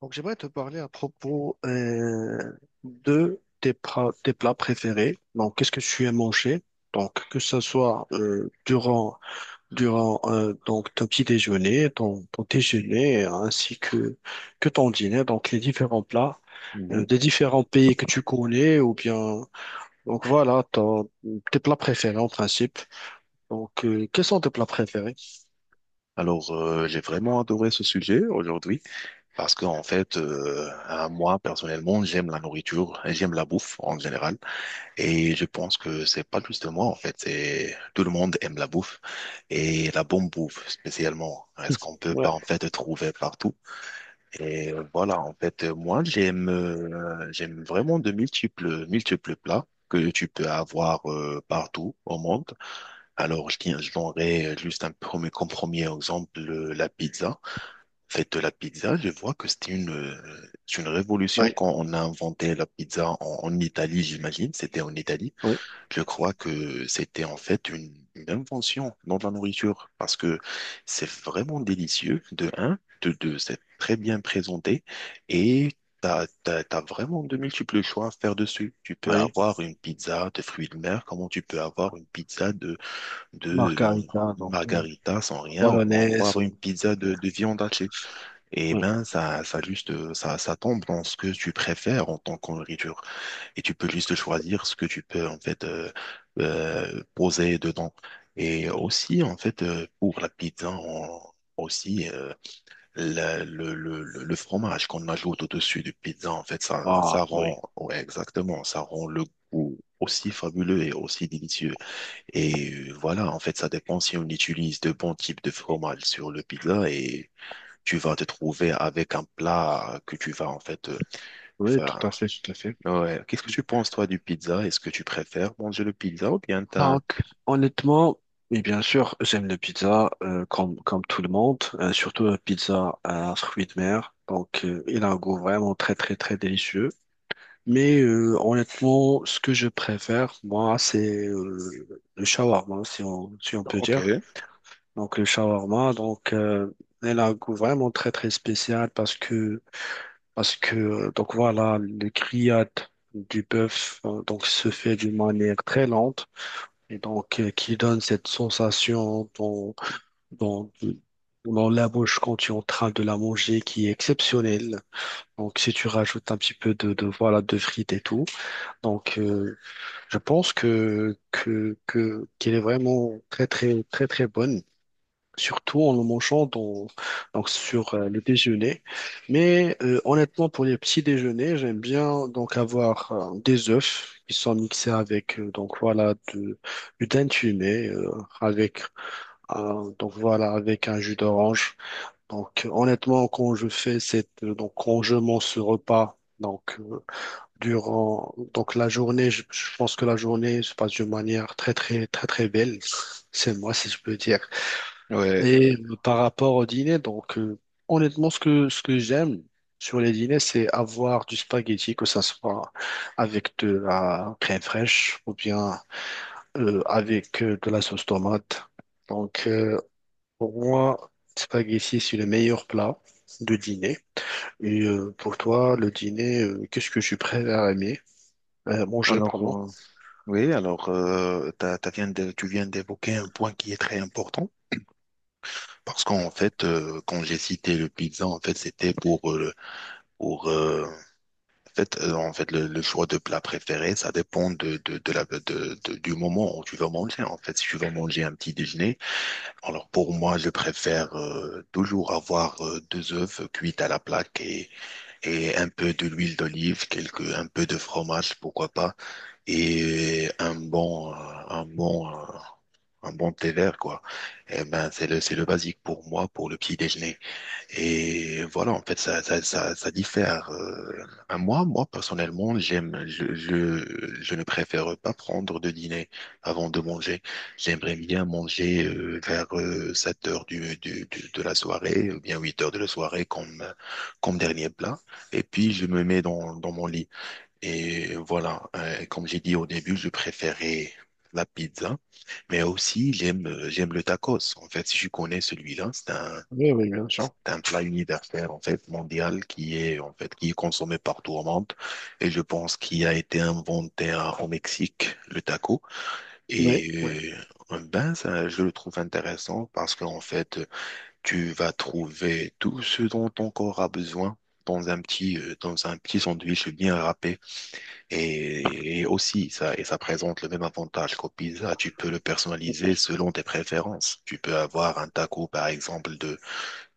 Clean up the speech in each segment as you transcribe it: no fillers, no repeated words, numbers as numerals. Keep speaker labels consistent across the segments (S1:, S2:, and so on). S1: Donc, j'aimerais te parler à propos de tes plats préférés. Donc, qu'est-ce que tu aimes manger? Donc, que ce soit durant, donc, ton petit déjeuner, ton déjeuner, ainsi que ton dîner, donc les différents plats
S2: Mhm.
S1: des différents pays que tu connais, ou bien, donc voilà, tes plats préférés en principe. Donc, quels sont tes plats préférés?
S2: Alors, j'ai vraiment adoré ce sujet aujourd'hui parce qu'en fait, moi personnellement, j'aime la nourriture, et j'aime la bouffe en général, et je pense que c'est pas juste moi en fait, c'est tout le monde aime la bouffe et la bonne bouffe spécialement. Est-ce qu'on peut pas
S1: Ouais.
S2: en fait trouver partout? Et voilà, en fait, moi j'aime j'aime vraiment de multiples multiples plats que tu peux avoir partout au monde. Alors, je donnerai juste un premier, comme premier exemple la pizza. En fait, la pizza, je vois que c'est une révolution
S1: Oui,
S2: quand on a inventé la pizza en Italie, j'imagine. C'était en Italie.
S1: oui,
S2: Je crois que c'était en fait une invention dans la nourriture parce que c'est vraiment délicieux, de un, de deux, c'est très bien présenté et T'as vraiment de multiples choix à faire dessus. Tu peux
S1: oui.
S2: avoir une pizza de fruits de mer, comment tu peux avoir une pizza de
S1: Margarita, donc,
S2: margarita sans rien, ou bien
S1: bolognaise.
S2: voir une pizza de viande hachée. Et ben, ça tombe dans ce que tu préfères en tant que nourriture. Et tu peux juste choisir ce que tu peux, en fait, poser dedans. Et aussi, en fait, pour la pizza, on- aussi, la- le fromage qu'on ajoute au-dessus du pizza, en fait, ça
S1: Ah, oui.
S2: rend, ouais, exactement, ça rend le goût aussi fabuleux et aussi délicieux. Et voilà, en fait, ça dépend si on utilise de bons types de fromage sur le pizza et tu vas te trouver avec un plat que tu vas en fait
S1: Oui, tout
S2: faire.
S1: à fait, tout à fait.
S2: Ouais. Qu'est-ce que tu penses, toi, du pizza? Est-ce que tu préfères manger le pizza ou bien t'as...
S1: Donc, honnêtement, et bien sûr, j'aime la pizza comme, comme tout le monde, surtout la pizza à fruits de mer. Donc, il a un goût vraiment très, très, très délicieux. Mais honnêtement, ce que je préfère, moi, c'est le shawarma, si on, si on peut
S2: Ok,
S1: dire. Donc, le shawarma, donc, elle a un goût vraiment très, très spécial parce que parce que, donc voilà, le grillade du bœuf donc se fait d'une manière très lente et donc qui donne cette sensation dans, dans, dans la bouche quand tu es en train de la manger qui est exceptionnelle. Donc si tu rajoutes un petit peu de voilà de frites et tout, donc euh, je pense que qu'elle est vraiment très très très très bonne surtout en le mangeant donc sur le déjeuner. Mais honnêtement, pour les petits déjeuners, j'aime bien donc avoir des œufs qui sont mixés avec donc voilà de, du thym fumé avec un, donc voilà avec un jus d'orange. Donc honnêtement, quand je fais cette, donc quand je mange ce repas donc, durant donc la journée, je pense que la journée se passe d'une manière très, très, très, très belle. C'est moi, si je peux dire.
S2: ouais.
S1: Et par rapport au dîner, honnêtement, ce que j'aime sur les dîners, c'est avoir du spaghetti, que ça soit avec de la crème fraîche ou bien avec de la sauce tomate. Donc euh, pour moi, spaghetti, c'est le meilleur plat de dîner. Et pour toi, le dîner, qu'est-ce que tu préfères aimer, manger,
S2: Alors,
S1: pardon?
S2: oui, alors, tu viens d'évoquer un point qui est très important parce qu'en fait, quand j'ai cité le pizza, en fait, pour, euh, en fait, le choix de plat préféré, ça dépend de la, de- du moment où tu vas manger. En fait, si tu vas manger un petit déjeuner, alors pour moi, je préfère toujours avoir deux œufs cuits à la plaque et un peu de l'huile d'olive, un peu de fromage, pourquoi pas, et un bon, euh, un bon, euh, un bon thé vert, quoi. Eh ben, c'est le basique pour moi pour le petit déjeuner. Et voilà, en fait, ça diffère. Moi, personnellement, je ne préfère pas prendre de dîner avant de manger. J'aimerais bien manger vers 7 heures de la soirée, ou bien 8 heures de la soirée comme dernier plat. Et puis, je me mets dans mon lit. Et voilà, comme j'ai dit au début, je préférais la pizza. Mais aussi, j'aime le tacos. En fait, si je connais celui-là,
S1: Oui, oui, bien sûr.
S2: c'est un plat universel en fait mondial qui est en fait qui est consommé partout au monde et je pense qu'il a été inventé au Mexique le taco
S1: Oui, oui.
S2: et ben ça je le trouve intéressant parce qu'en fait tu vas trouver tout ce dont ton corps a besoin dans un petit sandwich bien râpé et aussi ça et ça présente le même avantage qu'au pizza tu peux le personnaliser selon tes préférences tu peux avoir un taco par exemple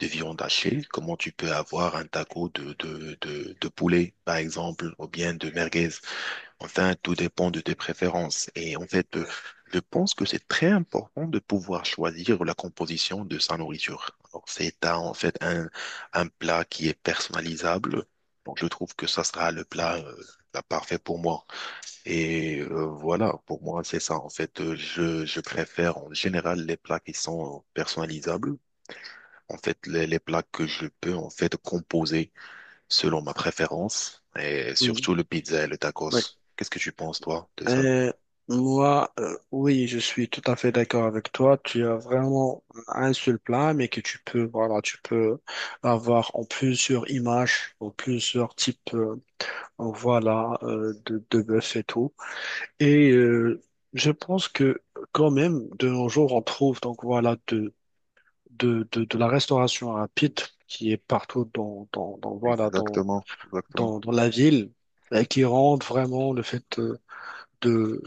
S2: de viande hachée, comment tu peux avoir un taco de poulet, par exemple, ou bien de merguez. Enfin, tout dépend de tes préférences. Et en fait, je pense que c'est très important de pouvoir choisir la composition de sa nourriture. Alors, c'est un plat qui est personnalisable. Donc, je trouve que ça sera le plat, parfait pour moi. Et voilà, pour moi, c'est ça. En fait, je préfère en général les plats qui sont personnalisables en fait, les plats que je peux en fait composer selon ma préférence et
S1: Mhm.
S2: surtout le pizza et le
S1: Oui.
S2: tacos. Qu'est-ce que tu penses, toi, de ça?
S1: Euh, moi, oui, je suis tout à fait d'accord avec toi. Tu as vraiment un seul plat, mais que tu peux, voilà, tu peux avoir en plusieurs images, en plusieurs types, voilà, de bœuf et tout. Et je pense que quand même, de nos jours, on trouve donc voilà de la restauration rapide qui est partout dans, dans voilà
S2: Exactement, exactement,
S1: dans, dans la ville, et qui rend vraiment le fait de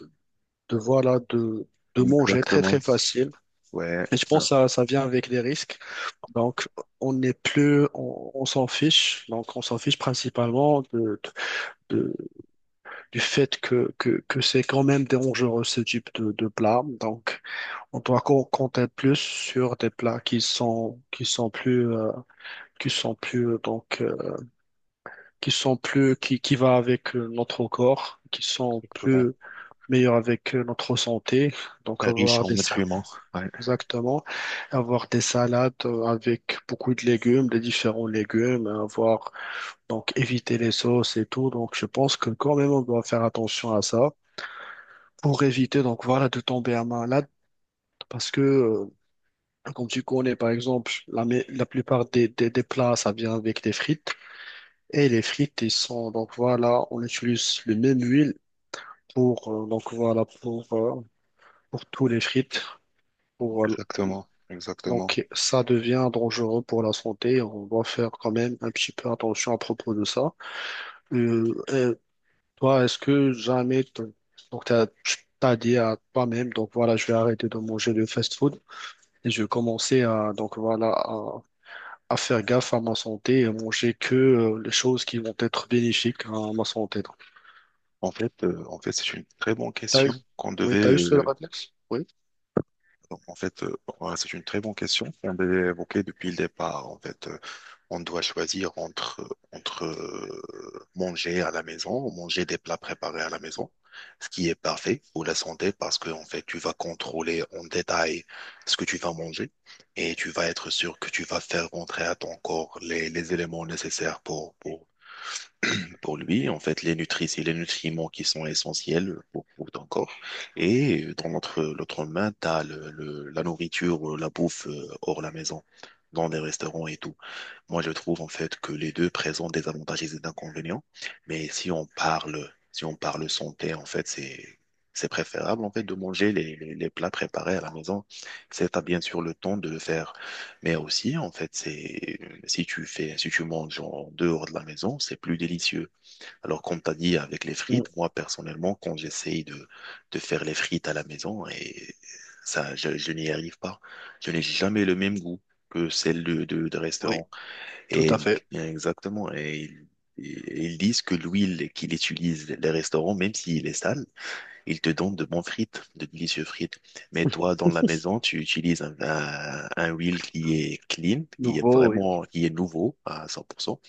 S1: de voilà de manger très
S2: exactement.
S1: très facile.
S2: Ouais,
S1: Et je
S2: ouais,
S1: pense que ça vient avec des risques. Donc on n'est plus, on s'en fiche. Donc on s'en fiche principalement de, de- de- du fait que, que c'est quand même dangereux ce type de plat. Donc on doit compter plus sur des plats qui sont plus qui sont plus qui sont plus qui va avec notre corps, qui sont
S2: exactement.
S1: plus meilleurs avec notre santé. Donc
S2: Riche
S1: avoir
S2: en
S1: des salades.
S2: nutriments. Ouais,
S1: Exactement. Avoir des salades avec beaucoup de légumes, des différents légumes, hein, avoir donc éviter les sauces et tout. Donc je pense que quand même on doit faire attention à ça pour éviter donc voilà de tomber à malade parce que comme tu connais par exemple la plupart des plats ça vient avec des frites et les frites ils sont donc voilà on utilise le même huile pour donc voilà pour tous les frites. Pour
S2: exactement, exactement.
S1: Donc, ça devient dangereux pour la santé. On doit faire quand même un petit peu attention à propos de ça. Euh, euh, toi, est-ce que jamais, donc t'as dit à toi-même, donc voilà, je vais arrêter de manger le fast-food et je vais commencer à, donc voilà, à faire gaffe à ma santé et à manger que les choses qui vont être bénéfiques à ma santé. Donc,
S2: En fait, c'est une très bonne
S1: t'as eu,
S2: question qu'on
S1: oui,
S2: devait.
S1: t'as eu ce réflexe? Oui.
S2: Ouais, c'est une très bonne question qu'on devait évoquer depuis le départ. En fait, on doit choisir entre manger à la maison, manger des plats préparés à la maison, ce qui est parfait pour la santé parce que, en fait, tu vas contrôler en détail ce que tu vas manger et tu vas être sûr que tu vas faire rentrer à ton corps les éléments nécessaires pour lui, en fait, les nutrices et les nutriments qui sont essentiels pour ton corps. Et dans l'autre main, tu as la nourriture, la bouffe hors la maison, dans des restaurants et tout. Moi, je trouve en fait que les deux présentent des avantages et des inconvénients, mais si on parle, si on parle santé, en fait, c'est préférable en fait de manger les plats préparés à la maison. C'est t'as bien sûr le temps de le faire, mais aussi en fait, c'est si tu fais, si tu manges en dehors de la maison, c'est plus délicieux. Alors, comme t'as dit avec les
S1: Mm.
S2: frites, moi personnellement, quand j'essaye de faire les frites à la maison et ça, je n'y arrive pas. Je n'ai jamais le même goût que celle de
S1: Oui,
S2: restaurant.
S1: tout à fait.
S2: Bien exactement. Et ils disent que l'huile qu'il utilise, les restaurants, même s'il est sale, ils te donnent de bons frites, de délicieux frites. Mais toi, dans la maison, tu utilises un huile qui est clean, qui est
S1: Nouveau, oui.
S2: vraiment, qui est nouveau à 100%.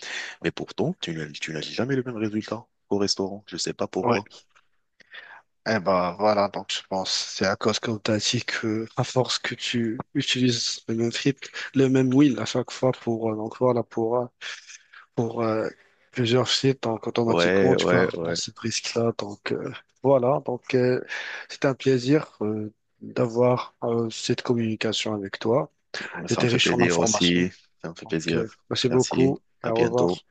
S2: Mais pourtant, tu n'as jamais le même résultat au restaurant. Je sais pas
S1: Ouais.
S2: pourquoi.
S1: Eh ben voilà, donc je pense c'est à cause qu'on t'a dit que à force que tu utilises le même script, le même wheel à chaque fois pour donc voilà pour plusieurs sites, donc automatiquement
S2: Ouais,
S1: tu
S2: ouais,
S1: vas
S2: ouais.
S1: avoir ce risque-là. Voilà, c'est un plaisir d'avoir cette communication avec toi.
S2: Ouais, ça me
S1: C'était
S2: fait
S1: riche en
S2: plaisir
S1: informations.
S2: aussi. Ça me fait
S1: Donc
S2: plaisir.
S1: merci
S2: Merci.
S1: beaucoup et
S2: À
S1: au revoir.
S2: bientôt.